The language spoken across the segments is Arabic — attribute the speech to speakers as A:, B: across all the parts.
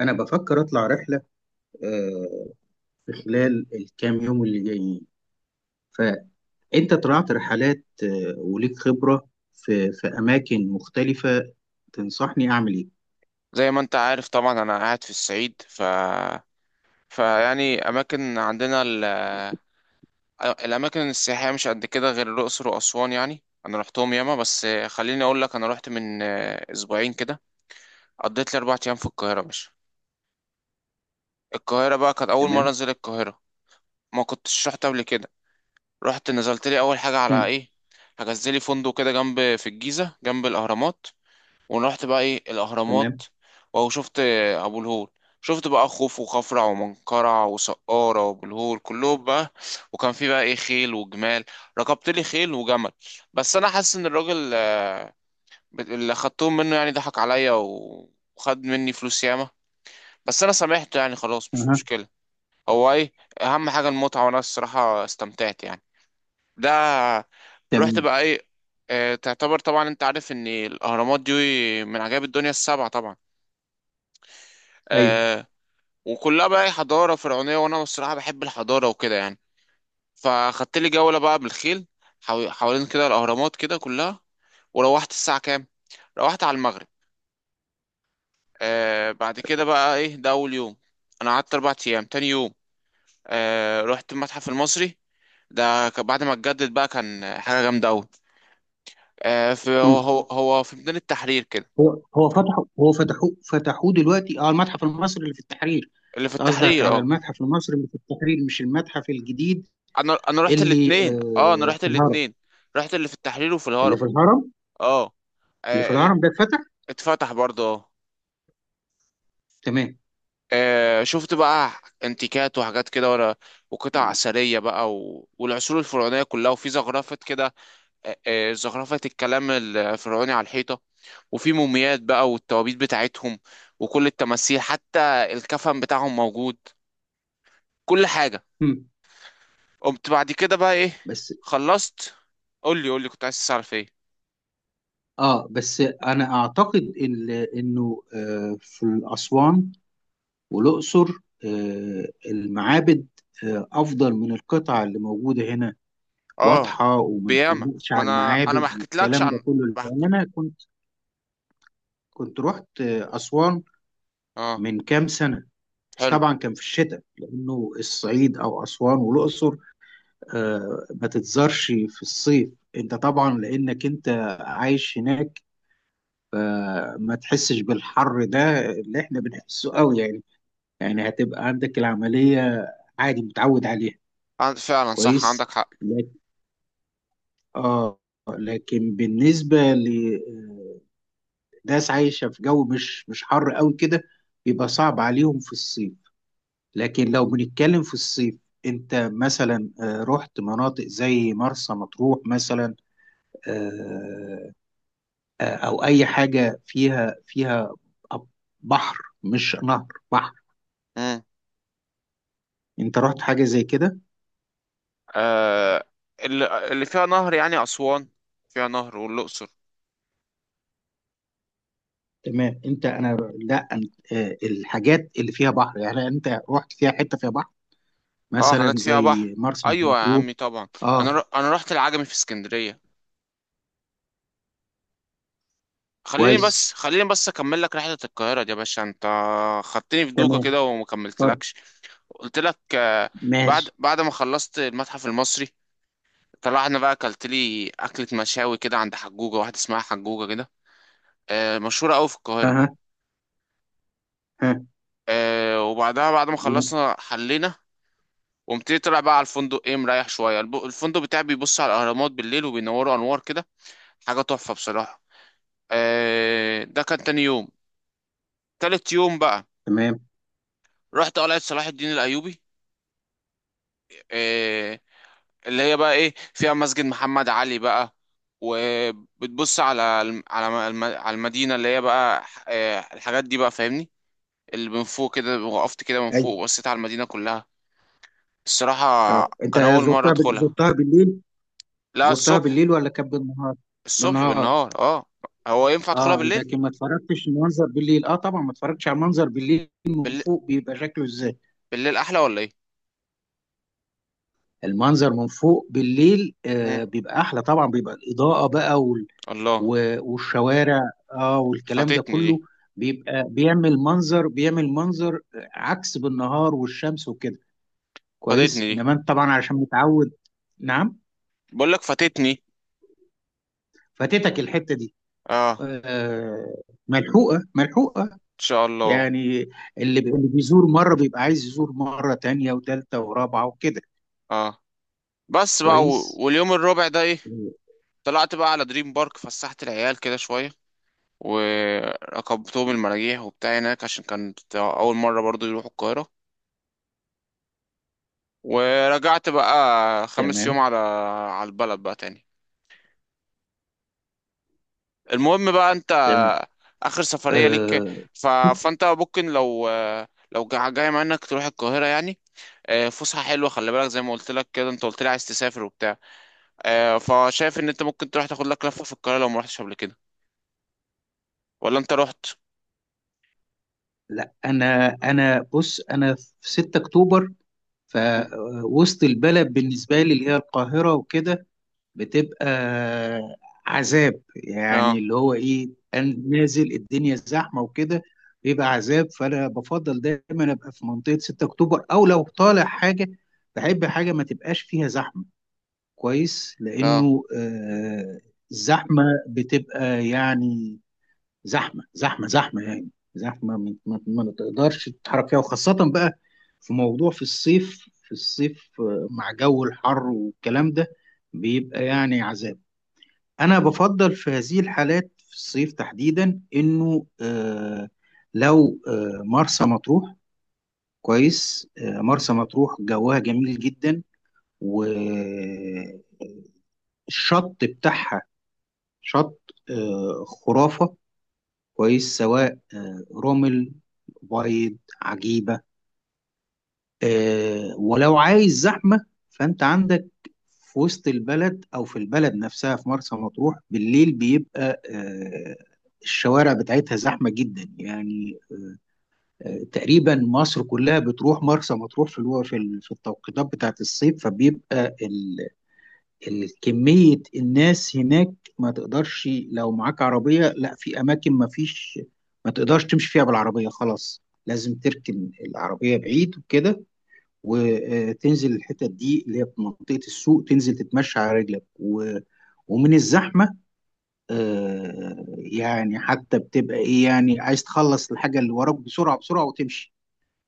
A: أنا بفكر أطلع رحلة، آه، في خلال الكام يوم اللي جايين. فأنت طلعت رحلات، وليك خبرة في أماكن مختلفة. تنصحني أعمل إيه؟
B: زي ما انت عارف طبعا، انا قاعد في الصعيد. فيعني اماكن عندنا الاماكن السياحيه مش قد كده غير الاقصر واسوان، يعني انا رحتهم ياما. بس خليني اقول لك، انا رحت من اسبوعين كده. قضيت لي 4 ايام في القاهره. مش القاهره بقى كانت اول مره
A: تمام؟
B: انزل القاهره، ما كنتش رحت قبل كده. رحت نزلت لي اول حاجه على
A: مم.
B: ايه، حجزت لي فندق كده جنب في الجيزه جنب الاهرامات. ورحت بقى ايه الاهرامات،
A: تمام.
B: واهو شفت ابو الهول. شفت بقى خوف وخفرع ومنقرع وسقارة وابو الهول كلهم بقى. وكان في بقى ايه خيل وجمال، ركبت لي خيل وجمل. بس انا حاسس ان الراجل اللي خدتهم منه يعني ضحك عليا وخد مني فلوس ياما. بس انا سامحته يعني، خلاص مش
A: أها.
B: مشكلة. هو ايه اهم حاجة المتعة، وانا الصراحة استمتعت يعني. ده رحت
A: تمام.
B: بقى ايه، تعتبر طبعا انت عارف ان الاهرامات دي من عجائب الدنيا السبعة طبعا.
A: أيوه.
B: آه، وكلها بقى حضارة فرعونية، وأنا الصراحة بحب الحضارة وكده يعني. فخدت لي جولة بقى بالخيل، حوالين كده الأهرامات كده كلها. وروحت الساعة كام؟ روحت على المغرب. بعد كده بقى إيه، ده أول يوم. أنا قعدت 4 أيام. تاني يوم آه رحت المتحف المصري، ده بعد ما اتجدد بقى كان حاجة جامدة أوي. آه في هو
A: مم.
B: هو هو في ميدان التحرير كده.
A: هو هو فتحوا هو فتحوا فتحوه دلوقتي، المتحف المصري اللي في التحرير.
B: اللي في
A: أنت قصدك
B: التحرير
A: على
B: اه.
A: المتحف المصري اللي في التحرير، مش المتحف الجديد
B: أنا رحت
A: اللي
B: الاتنين، اه أنا رحت
A: في الهرم.
B: الاتنين. رحت اللي في التحرير وفي
A: اللي
B: الهرم.
A: في الهرم،
B: اه، آه، ال-
A: ده اتفتح.
B: اتفتح برضه اه.
A: تمام.
B: شفت بقى انتيكات وحاجات كده ورا، وقطع أثرية بقى والعصور الفرعونية كلها، وفي زخرفة كده. زخرفة الكلام الفرعوني على الحيطة. وفي موميات بقى والتوابيت بتاعتهم، وكل التماثيل. حتى الكفن بتاعهم موجود، كل حاجة.
A: مم.
B: قمت بعد كده بقى ايه؟
A: بس
B: خلصت. قول لي كنت عايز تعرف ايه.
A: انا اعتقد انه في اسوان والاقصر، المعابد افضل من القطع اللي موجوده هنا،
B: اه
A: واضحه. وما
B: بياما.
A: نقولش
B: ما
A: على
B: انا ما
A: المعابد
B: حكيتلكش
A: والكلام ده
B: عن
A: كله، لان
B: بحك...
A: انا كنت رحت اسوان
B: اه
A: من كام سنه. بس
B: حلو.
A: طبعا كان في الشتاء، لانه الصعيد او اسوان والاقصر ما تتزارش في الصيف. انت طبعا لانك انت عايش هناك فما تحسش بالحر ده اللي احنا بنحسه قوي يعني. يعني هتبقى عندك العملية عادي، متعود عليها.
B: عند فعلا صح،
A: كويس.
B: عندك حق.
A: لكن اه بالنسبة لناس عايشة في جو مش حر قوي كده بيبقى صعب عليهم في الصيف. لكن لو بنتكلم في الصيف، انت مثلا رحت مناطق زي مرسى مطروح مثلا، آه، او اي حاجة فيها بحر، مش نهر، بحر.
B: امم،
A: انت رحت حاجه زي كده؟
B: آه اللي فيها نهر يعني أسوان، فيها نهر والأقصر.
A: تمام. انت، انا، لا أنت، الحاجات اللي فيها بحر يعني، انت رحت فيها حته فيها بحر؟
B: اه
A: مثلا
B: حاجات فيها بحر،
A: زي مرسى
B: ايوه يا
A: مطروح.
B: عمي طبعا.
A: اه.
B: انا رحت العجمي في اسكندرية. خليني
A: كويس.
B: بس خليني بس اكمل لك رحلة القاهرة دي يا باشا انت. خدتني في دوكة
A: تمام.
B: كده وما
A: طب.
B: كملتلكش. قلت لك آه. بعد
A: ماشي.
B: بعد ما خلصت المتحف المصري، طلعنا بقى. اكلت لي اكلة مشاوي كده عند حجوجة واحدة اسمها حجوجة كده، آه مشهورة قوي في القاهرة.
A: اها. ها.
B: آه وبعدها بعد ما
A: جميل.
B: خلصنا حلينا، قمت إيه طلع بقى على الفندق ايه مريح شويه. الفندق بتاعي بيبص على الاهرامات بالليل وبينوروا انوار كده، حاجه تحفه بصراحه. آه ده كان تاني يوم. تالت يوم بقى،
A: تمام.
B: رحت قلعه صلاح الدين الايوبي. آه اللي هي بقى ايه فيها مسجد محمد علي بقى. وبتبص على على المدينه، اللي هي بقى آه الحاجات دي بقى فاهمني. اللي من فوق كده، وقفت كده من
A: اي.
B: فوق وبصيت على المدينه كلها الصراحه.
A: اه انت
B: كان اول مره
A: زرتها
B: ادخلها.
A: زرتها بالليل؟
B: لا،
A: زرتها
B: الصبح.
A: بالليل ولا كان بالنهار؟
B: الصبح
A: بالنهار،
B: بالنهار اه. هو ينفع ادخلها
A: اه.
B: بالليل؟
A: لكن ما اتفرجتش المنظر بالليل. اه طبعا، ما اتفرجتش على المنظر بالليل من
B: بالليل,
A: فوق بيبقى شكله ازاي؟
B: بالليل احلى ولا ايه؟
A: المنظر من فوق بالليل
B: مم.
A: بيبقى احلى طبعا، بيبقى الاضاءه بقى
B: الله.
A: والشوارع، اه، والكلام ده
B: فاتتني
A: كله
B: دي.
A: بيبقى بيعمل منظر، بيعمل منظر عكس بالنهار والشمس وكده. كويس،
B: فاتتني دي،
A: انما انت طبعا عشان متعود. نعم.
B: بقول لك فاتتني.
A: فاتتك الحته دي،
B: اه ان
A: آه، ملحوقه ملحوقه
B: شاء الله.
A: يعني، اللي بيزور مره بيبقى عايز يزور مره تانية وتالتة ورابعه وكده.
B: اه بس بقى،
A: كويس.
B: واليوم الرابع ده ايه؟
A: آه،
B: طلعت بقى على دريم بارك، فسحت العيال كده شويه وركبتهم المراجيح وبتاع هناك، عشان كانت اول مره برضو يروحوا القاهره. ورجعت بقى 5 يوم
A: تمام.
B: على البلد بقى تاني. المهم بقى انت،
A: تمام.
B: اخر سفرية ليك.
A: آه،
B: ف... فانت ممكن لو لو جاي منك تروح القاهرة يعني. آه، فسحة حلوة خلي بالك زي ما قلت لك كده، انت قلت لي عايز تسافر وبتاع. آه، فشايف ان انت ممكن تروح تاخد لك لفة في القاهرة لو ما رحتش قبل كده، ولا انت رحت؟
A: لا انا بص، انا في 6 اكتوبر،
B: مم.
A: فوسط البلد بالنسبه لي اللي هي القاهره وكده بتبقى عذاب يعني،
B: اه
A: اللي هو ايه، أنا نازل الدنيا زحمه وكده بيبقى عذاب. فانا بفضل دايما ابقى في منطقه 6 اكتوبر، او لو طالع حاجه بحب حاجه ما تبقاش فيها زحمه. كويس.
B: اه.
A: لانه الزحمه بتبقى يعني زحمه زحمه زحمه يعني، زحمه ما تقدرش تتحرك فيها، وخاصه بقى في موضوع في الصيف. في الصيف، مع جو الحر والكلام ده، بيبقى يعني عذاب. أنا بفضل في هذه الحالات في الصيف تحديدا إنه لو مرسى مطروح. كويس. مرسى مطروح جواها جميل جدا، والشط بتاعها، شط خرافة. كويس، سواء رمل بيض عجيبة. ولو عايز زحمة فأنت عندك في وسط البلد أو في البلد نفسها، في مرسى مطروح بالليل بيبقى الشوارع بتاعتها زحمة جدا يعني. تقريبا مصر كلها بتروح مرسى مطروح في في التوقيتات بتاعت الصيف، فبيبقى كمية الناس هناك ما تقدرش، لو معاك عربية، لا، في أماكن ما فيش، ما تقدرش تمشي فيها بالعربية. خلاص لازم تركن العربية بعيد وكده، وتنزل الحتت دي اللي هي في منطقة السوق، تنزل تتمشى على رجلك ومن الزحمة، يعني حتى بتبقى ايه، يعني عايز تخلص الحاجة اللي وراك بسرعة بسرعة وتمشي.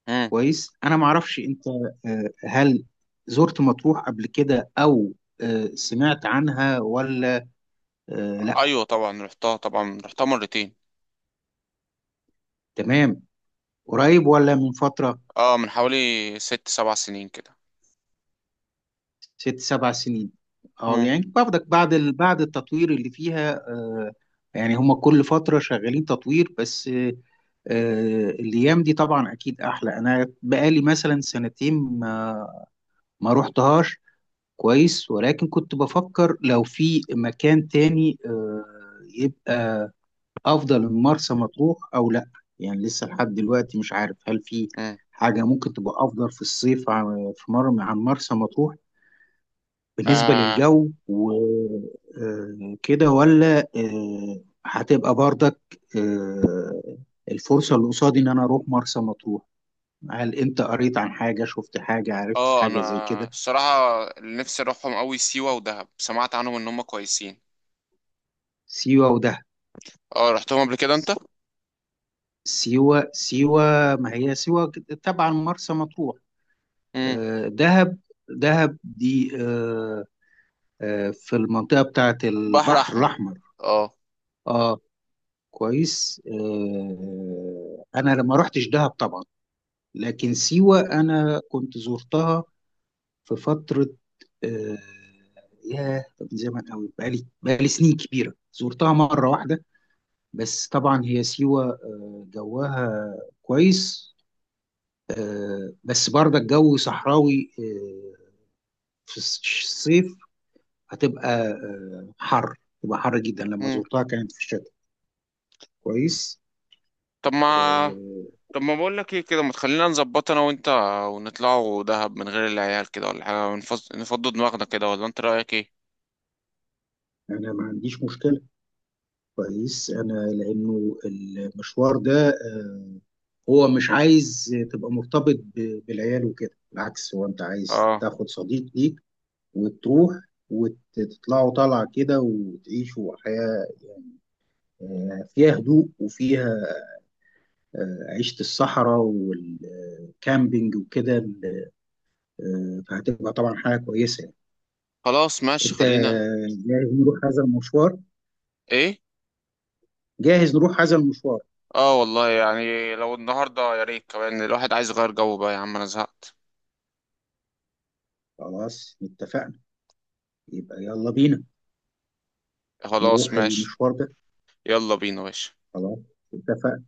B: مم.
A: كويس. انا معرفش انت، هل زرت مطروح قبل كده، او سمعت عنها، ولا لا؟
B: ايوه طبعا رحتها، طبعا رحتها مرتين.
A: تمام. قريب ولا من فترة؟
B: اه من حوالي 6 7 سنين كده.
A: 6-7 سنين. اه
B: مم.
A: يعني باخدك بعد بعد التطوير اللي فيها، يعني هم كل فترة شغالين تطوير، بس الايام دي طبعا اكيد احلى. انا بقالي مثلا سنتين ما روحتهاش. كويس. ولكن كنت بفكر لو في مكان تاني يبقى افضل من مرسى مطروح او لا. يعني لسه لحد دلوقتي مش عارف هل في
B: مم.
A: حاجة ممكن تبقى افضل في الصيف عن- في مر عن مرسى مطروح بالنسبة
B: اه
A: للجو وكده، ولا هتبقى برضك آه، الفرصة اللي قصادي إن أنا أروح مرسى مطروح. هل أنت قريت عن حاجة، شفت حاجة، عرفت
B: اه، انا
A: حاجة زي كده؟
B: الصراحة اللي نفسي اروحهم قوي سيوة ودهب، سمعت عنهم ان هم كويسين.
A: سيوة ودهب؟
B: اه رحتهم قبل كده انت؟
A: سيوة سيوة. ما هي سيوة كده تبع مرسى مطروح.
B: امم.
A: دهب. دهب دي، في المنطقة بتاعة
B: بحر
A: البحر
B: احمر
A: الأحمر.
B: اه.
A: اه. كويس. انا لما روحتش دهب طبعا، لكن
B: مم.
A: سيوة أنا كنت زرتها في فترة. آه، ياه، طب من زمان قوي، بقالي سنين كبيرة، زرتها مرة واحدة بس. طبعا هي سيوة جواها كويس. بس برضه الجو صحراوي في الصيف هتبقى حر، تبقى حر جدا. لما
B: مم.
A: زرتها كانت في الشتاء. كويس.
B: طب ما
A: آه،
B: طب ما بقول لك ايه كده، ما تخلينا نظبط انا وانت ونطلعوا دهب من غير العيال كده ولا حاجه، نفضوا دماغنا كده، ولا انت رايك ايه؟
A: أنا ما عنديش مشكلة. كويس. أنا لأنه المشوار ده هو مش عايز تبقى مرتبط بالعيال وكده، بالعكس. هو انت عايز
B: اه
A: تاخد صديق ليك وتروح وتطلعوا طالعة كده وتعيشوا حياة فيها هدوء وفيها عيشة الصحراء والكامبينج وكده، فهتبقى طبعا حاجة كويسة يعني.
B: خلاص ماشي
A: انت
B: خلينا.
A: جاهز نروح هذا المشوار؟
B: ايه.
A: جاهز نروح هذا المشوار.
B: اه والله يعني، لو النهارده يا ريت. كمان الواحد عايز يغير جو بقى يا عم، انا زهقت.
A: خلاص اتفقنا. يبقى يلا بينا
B: خلاص
A: نروح
B: ماشي
A: المشوار ده.
B: يلا بينا يا باشا.
A: خلاص اتفقنا.